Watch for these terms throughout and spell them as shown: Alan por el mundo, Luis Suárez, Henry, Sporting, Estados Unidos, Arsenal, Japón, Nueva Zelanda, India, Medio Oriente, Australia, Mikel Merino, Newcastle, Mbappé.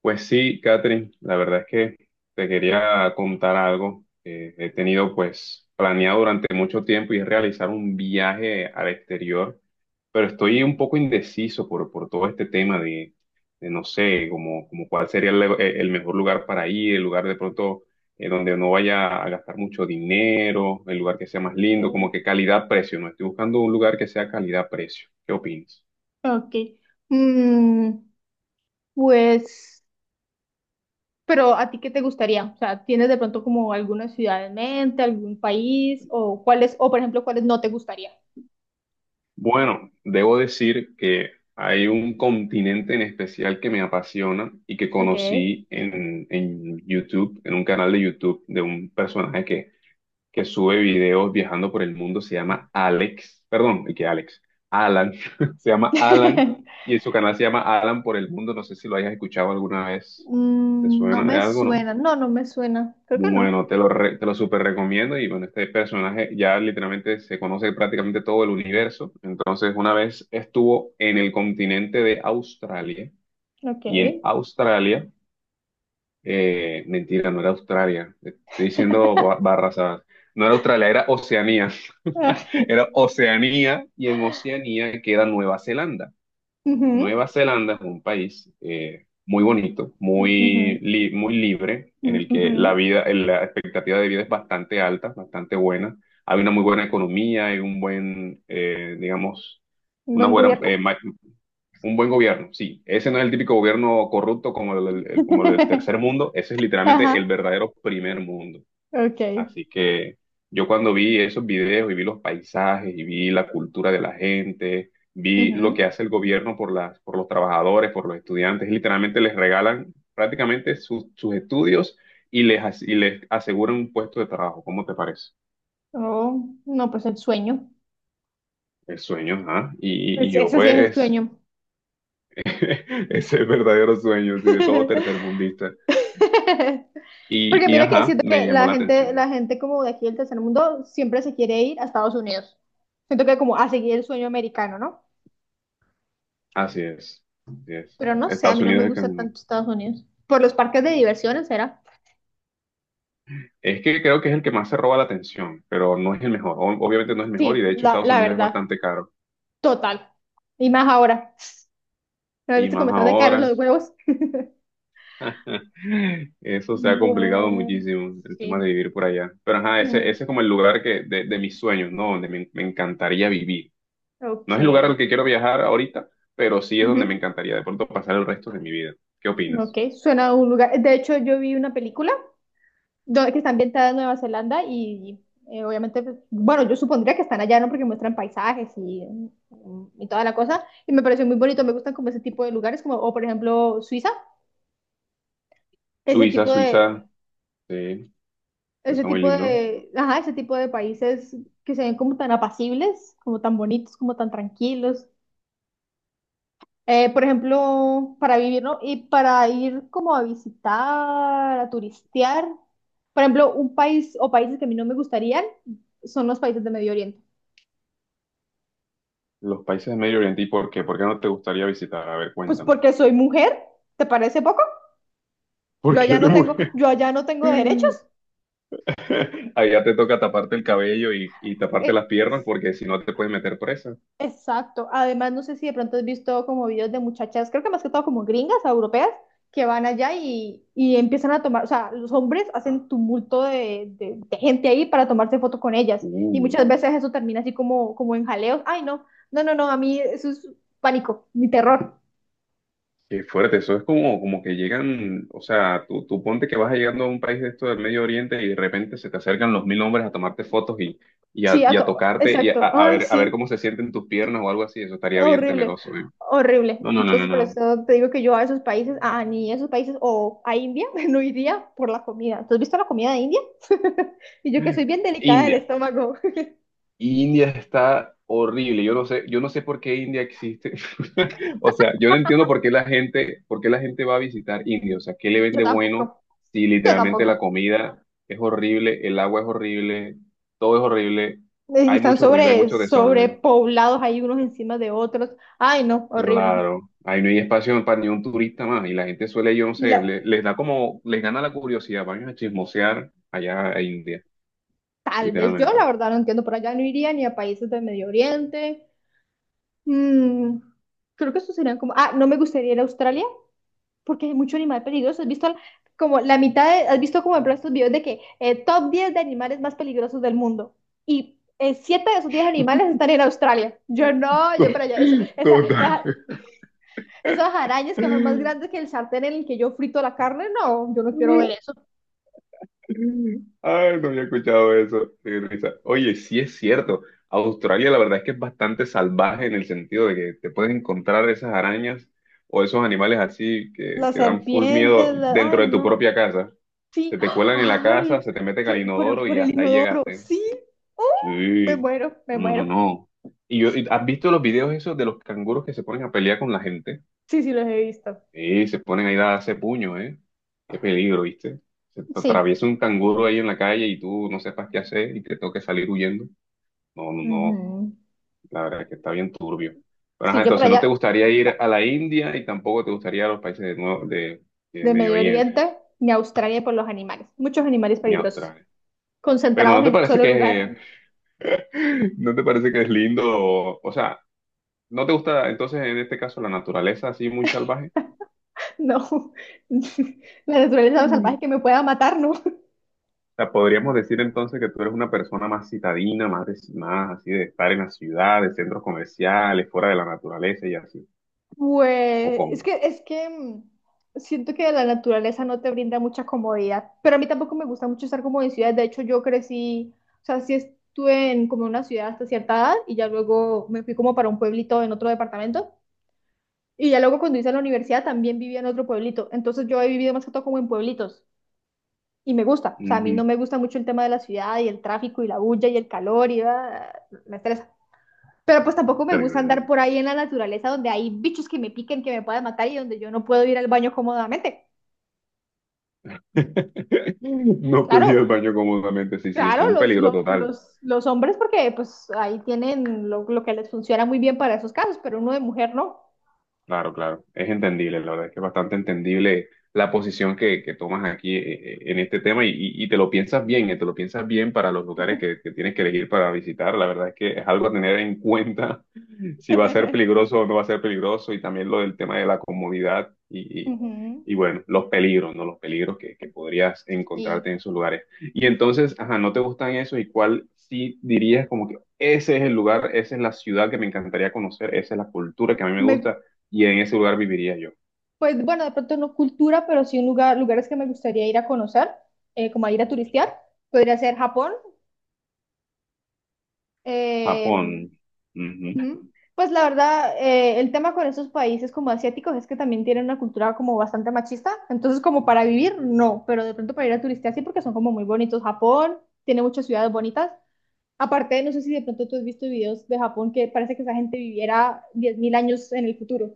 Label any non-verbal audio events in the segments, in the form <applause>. Pues sí, Catherine, la verdad es que te quería contar algo que he tenido pues planeado durante mucho tiempo y es realizar un viaje al exterior, pero estoy un poco indeciso por todo este tema de no sé, como cuál sería el mejor lugar para ir, el lugar de pronto donde no vaya a gastar mucho dinero, el lugar que sea más lindo, como Mm. que calidad-precio, ¿no? Estoy buscando un lugar que sea calidad-precio. ¿Qué opinas? Ok. Mm, pues, pero ¿a ti qué te gustaría? O sea, ¿tienes de pronto como alguna ciudad en mente, algún país o cuáles, o por ejemplo, cuáles no te gustaría? Bueno, debo decir que hay un continente en especial que me apasiona y que Ok. conocí en YouTube, en un canal de YouTube de un personaje que sube videos viajando por el mundo, se llama Alex, perdón, ¿que Alex? Alan, <laughs> se llama Alan <laughs> y en su canal se llama Alan por el mundo, no sé si lo hayas escuchado alguna vez, ¿te No suena de me algo, no? suena, no, no me suena, creo que no. Bueno, te lo súper recomiendo y bueno, este personaje ya literalmente se conoce prácticamente todo el universo. Entonces, una vez estuvo en el continente de Australia Ok. y en Australia, mentira, no era Australia, estoy diciendo <laughs> barras. No era Australia, era Oceanía, Ah, <laughs> era Oceanía y en Oceanía queda Nueva Zelanda. ujú, Nueva Zelanda es un país muy bonito, ujú, muy libre, en el que la ujú. vida, la expectativa de vida es bastante alta, bastante buena. Hay una muy buena economía, hay un buen, digamos, Un una buen buena, gobierno. eh, ma- un buen gobierno. Sí, ese no es el típico gobierno corrupto como como el <laughs> tercer mundo, ese es literalmente el Ajá, verdadero primer mundo. ok. Así que yo cuando vi esos videos y vi los paisajes y vi la cultura de la gente, vi lo que Ujú. hace el gobierno por por los trabajadores, por los estudiantes, literalmente les regalan prácticamente sus estudios y y les aseguran un puesto de trabajo. ¿Cómo te parece? Oh, no, pues el sueño. El sueño, ajá. Y Pues yo ese sí es el pues, sueño. <laughs> ese es el verdadero sueño, sí, de todo <laughs> tercermundista. <laughs> Porque Y mira que ajá, siento me que llamó la la gente, atención. la gente como de aquí del tercer mundo siempre se quiere ir a Estados Unidos. Siento que como a seguir el sueño americano, ¿no? Así es, así es. Pero no sé, a Estados mí no Unidos me es el que gusta tanto Estados Unidos. Por los parques de diversiones, ¿será? Es que creo que es el que más se roba la atención, pero no es el mejor. Obviamente no es el mejor y Sí, de hecho la, Estados la Unidos es verdad, bastante caro. total. Y más ahora. ¿No has Y visto cómo más están de caros ahora, los huevos? <laughs> eso se ha complicado Bueno, muchísimo, el tema de sí. vivir por allá. Pero ajá, Mm, ese es como el lugar que, de mis sueños, ¿no? Donde me encantaría vivir. ok. No es el lugar al que quiero viajar ahorita, pero sí es donde me Ujú. encantaría de pronto pasar el resto de mi vida. ¿Qué Ok, opinas? suena a un lugar. De hecho, yo vi una película que está ambientada en Nueva Zelanda y obviamente, pues, bueno, yo supondría que están allá, ¿no? Porque muestran paisajes y toda la cosa. Y me pareció muy bonito, me gustan como ese tipo de lugares, como, o por ejemplo, Suiza, ese Suiza, tipo de, Suiza, sí, Suiza muy lindo. Ajá, ese tipo de países que se ven como tan apacibles, como tan bonitos, como tan tranquilos. Por ejemplo, para vivir, ¿no? Y para ir como a visitar, a turistear. Por ejemplo, un país o países que a mí no me gustarían son los países de Medio Oriente. Los países de Medio Oriente, ¿y por qué? ¿Por qué no te gustaría visitar? A ver, Pues cuéntame. porque soy mujer, ¿te parece poco? <laughs> ¿Por Yo qué allá de no tengo, mujer? yo allá no tengo <laughs> derechos. <laughs> Allá te toca taparte el cabello y taparte las piernas Sí, porque si no te puedes meter presa. exacto. Además, no sé si de pronto has visto como videos de muchachas, creo que más que todo como gringas, europeas, que van allá y empiezan a tomar, o sea, los hombres hacen tumulto de gente ahí para tomarse foto con ellas. Uh, Y muchas veces eso termina así como en jaleos. Ay, no, no, no, no, a mí eso es pánico, mi terror. qué fuerte. Eso es como, como que llegan, o sea, tú ponte que vas llegando a un país de esto del Medio Oriente y de repente se te acercan los mil hombres a tomarte fotos Sí, a y a todo, tocarte exacto. a Ay, ver, a ver sí. cómo se sienten tus piernas o algo así. Eso estaría bien Horrible, temeroso, ¿eh? horrible. No, no, no, Entonces, no, por no. eso te digo que yo a esos países, a ni esos países o a India, <laughs> no iría por la comida. ¿Tú has visto la comida de India? <laughs> Y yo que soy bien delicada del India, estómago. <laughs> India está horrible. Yo no sé por qué India existe. <laughs> O sea, yo no entiendo por qué la gente, por qué la gente va a visitar India. O sea, ¿qué le Yo vende bueno tampoco, si yo literalmente la tampoco. comida es horrible, el agua es horrible, todo es horrible, Y hay están mucho ruido, hay mucho desorden? sobrepoblados ahí unos encima de otros. Ay, no, horrible. Claro, ahí no hay espacio para ni un turista más. Y la gente suele, yo no Y sé, la, les da como, les gana la curiosidad, van a chismosear allá a India, Tal vez yo, la literalmente. verdad, no entiendo. Por allá no iría ni a países del Medio Oriente. Mm, Creo que eso serían como. Ah, no me gustaría ir a Australia porque hay mucho animal peligroso. ¿Has visto como la mitad de, has visto como en estos videos de que top 10 de animales más peligrosos del mundo? Y siete de esos 10 animales están en Australia. Yo no, yo para allá. <laughs> Total. Esas arañas que son más grandes que el sartén en el que yo frito la carne, no, yo no quiero ver eso. Ay, no había escuchado eso. Qué risa. Oye, sí es cierto. Australia, la verdad es que es bastante salvaje en el sentido de que te puedes encontrar esas arañas o esos animales así Las que dan full miedo serpientes, dentro ay, de tu no. propia casa. Sí, Se te cuelan en la casa, ay, se te meten al que por, inodoro por y el hasta ahí inodoro, llegaste. sí. ¡Oh! Me Sí. muero, me No, no, no, muero. no. ¿Has visto los videos esos de los canguros que se ponen a pelear con la gente? Sí, sí, los he visto. Y se ponen ahí a darse puño, ¿eh? Qué peligro, ¿viste? Se te Sí. atraviesa un canguro ahí en la calle y tú no sepas qué hacer y te toque salir huyendo. No, no, no. Ujú. La verdad es que está bien turbio. Pero, Sí, ajá, yo por entonces no te allá, gustaría ir a la India y tampoco te gustaría a los países de de Medio Medio Oriente Oriente ni Australia por los animales. Muchos animales ni a peligrosos, Australia. Pero concentrados ¿no te en un parece solo que, lugar. <laughs> no te parece que es lindo? O sea, ¿no te gusta entonces en este caso la naturaleza así muy salvaje? No, <laughs> la naturaleza salvaje que me pueda matar, ¿no? <laughs> Sea, podríamos decir entonces que tú eres una persona más citadina, más, más así de estar en la ciudad, de centros comerciales, fuera de la naturaleza y así. ¿O Pues cómo? es que siento que la naturaleza no te brinda mucha comodidad, pero a mí tampoco me gusta mucho estar como en ciudades. De hecho, yo crecí, o sea, sí estuve en como una ciudad hasta cierta edad y ya luego me fui como para un pueblito en otro departamento. Y ya luego cuando hice la universidad también vivía en otro pueblito. Entonces yo he vivido más que todo como en pueblitos. Y me gusta, o sea, a mí Ujú, no me gusta mucho el tema de la ciudad y el tráfico y la bulla y el calor y me estresa. Pero pues tampoco me gusta andar tremendo. por ahí en la naturaleza donde hay bichos que me piquen, que me puedan matar y donde yo no puedo ir al baño cómodamente. <laughs> No podía ir Claro, al baño cómodamente, sí, sí, eso es claro, un los, peligro los, total. los, los hombres porque pues ahí tienen lo que les funciona muy bien para esos casos, pero uno de mujer no. Claro, claro, es entendible, la verdad es que es bastante entendible la posición que tomas aquí, en este tema y te lo piensas bien, te lo piensas bien para los lugares que tienes que elegir para visitar, la verdad es que es algo a tener en cuenta si va a ser <laughs> peligroso o no va a ser peligroso, y también lo del tema de la comodidad Ujú. y, bueno, los peligros, ¿no? Los peligros que podrías Y encontrarte en esos lugares. Y entonces, ajá, ¿no te gustan esos? ¿Y cuál sí dirías como que ese es el lugar, esa es la ciudad que me encantaría conocer, esa es la cultura que a mí me me, gusta y en ese lugar viviría yo? pues bueno, de pronto no cultura, pero sí un lugares que me gustaría ir a conocer, como a ir a turistear. Podría ser Japón. Eh, Japón. pues la verdad, el tema con esos países como asiáticos es que también tienen una cultura como bastante machista, entonces como para vivir, no, pero de pronto para ir a turistear sí porque son como muy bonitos. Japón tiene muchas ciudades bonitas. Aparte, no sé si de pronto tú has visto videos de Japón que parece que esa gente viviera 10,000 años en el futuro.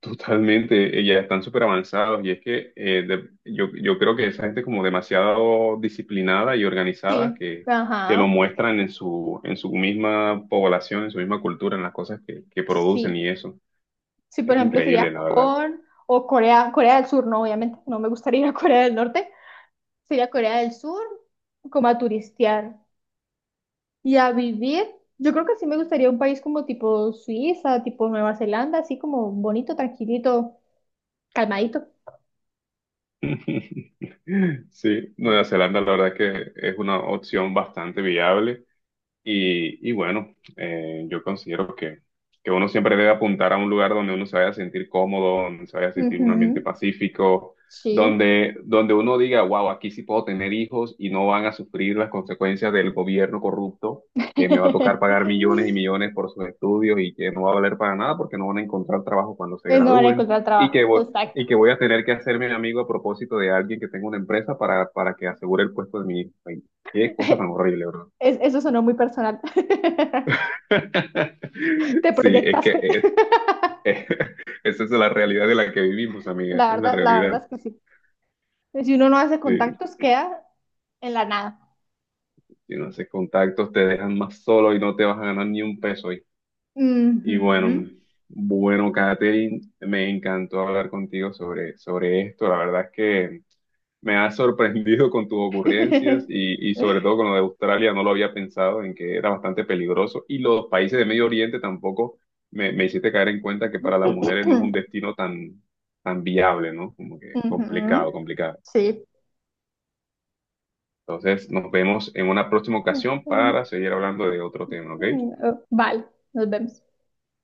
Totalmente, ya están súper avanzados y es que yo creo que esa gente es como demasiado disciplinada y organizada Sí, que lo ajá, muestran en en su misma población, en su misma cultura, en las cosas que producen sí. y eso. Sí, por Es ejemplo, sería increíble, la verdad. Japón o Corea, Corea del Sur, no, obviamente, no me gustaría ir a Corea del Norte, sería Corea del Sur como a turistear. Y a vivir, yo creo que sí me gustaría un país como tipo Suiza, tipo Nueva Zelanda, así como bonito, tranquilito, calmadito. <laughs> Sí, Nueva Zelanda la verdad es que es una opción bastante viable. Y bueno, yo considero que uno siempre debe apuntar a un lugar donde uno se vaya a sentir cómodo, donde se vaya a sentir un ambiente Ujú, pacífico, sí. Donde uno diga, wow, aquí sí puedo tener hijos y no van a sufrir las consecuencias del gobierno corrupto, que me va a tocar pagar millones y <laughs> millones por sus estudios y que no va a valer para nada porque no van a encontrar trabajo cuando se No van a gradúen, encontrar trabajo. Exacto. y que voy a tener que hacerme amigo a propósito de alguien que tenga una empresa para que asegure el puesto de mi hijo. Ay, qué cosa tan <laughs> horrible, ¿verdad? Eso sonó muy personal. <laughs> <laughs> Te Sí, es que proyectaste. <laughs> Es- <laughs> esa es la realidad de la que vivimos, amiga, esa es la la realidad. verdad es que sí. Si uno no hace Sí, contactos, queda en la nada. si no haces contactos te dejan más solo y no te vas a ganar ni un peso hoy. Y bueno, Ujú. bueno, Katherine, me encantó hablar contigo sobre esto. La verdad es que me has sorprendido con tus ocurrencias y sobre todo con lo de Australia, no lo había pensado en que era bastante peligroso. Y los países de Medio Oriente tampoco me hiciste caer en cuenta que para las mujeres no es <laughs> un destino tan viable, ¿no? Como que Ujú, complicado, complicado. sí. Entonces, nos vemos en una próxima ocasión para seguir hablando de otro tema, ¿ok? Mm, vale, nos vemos.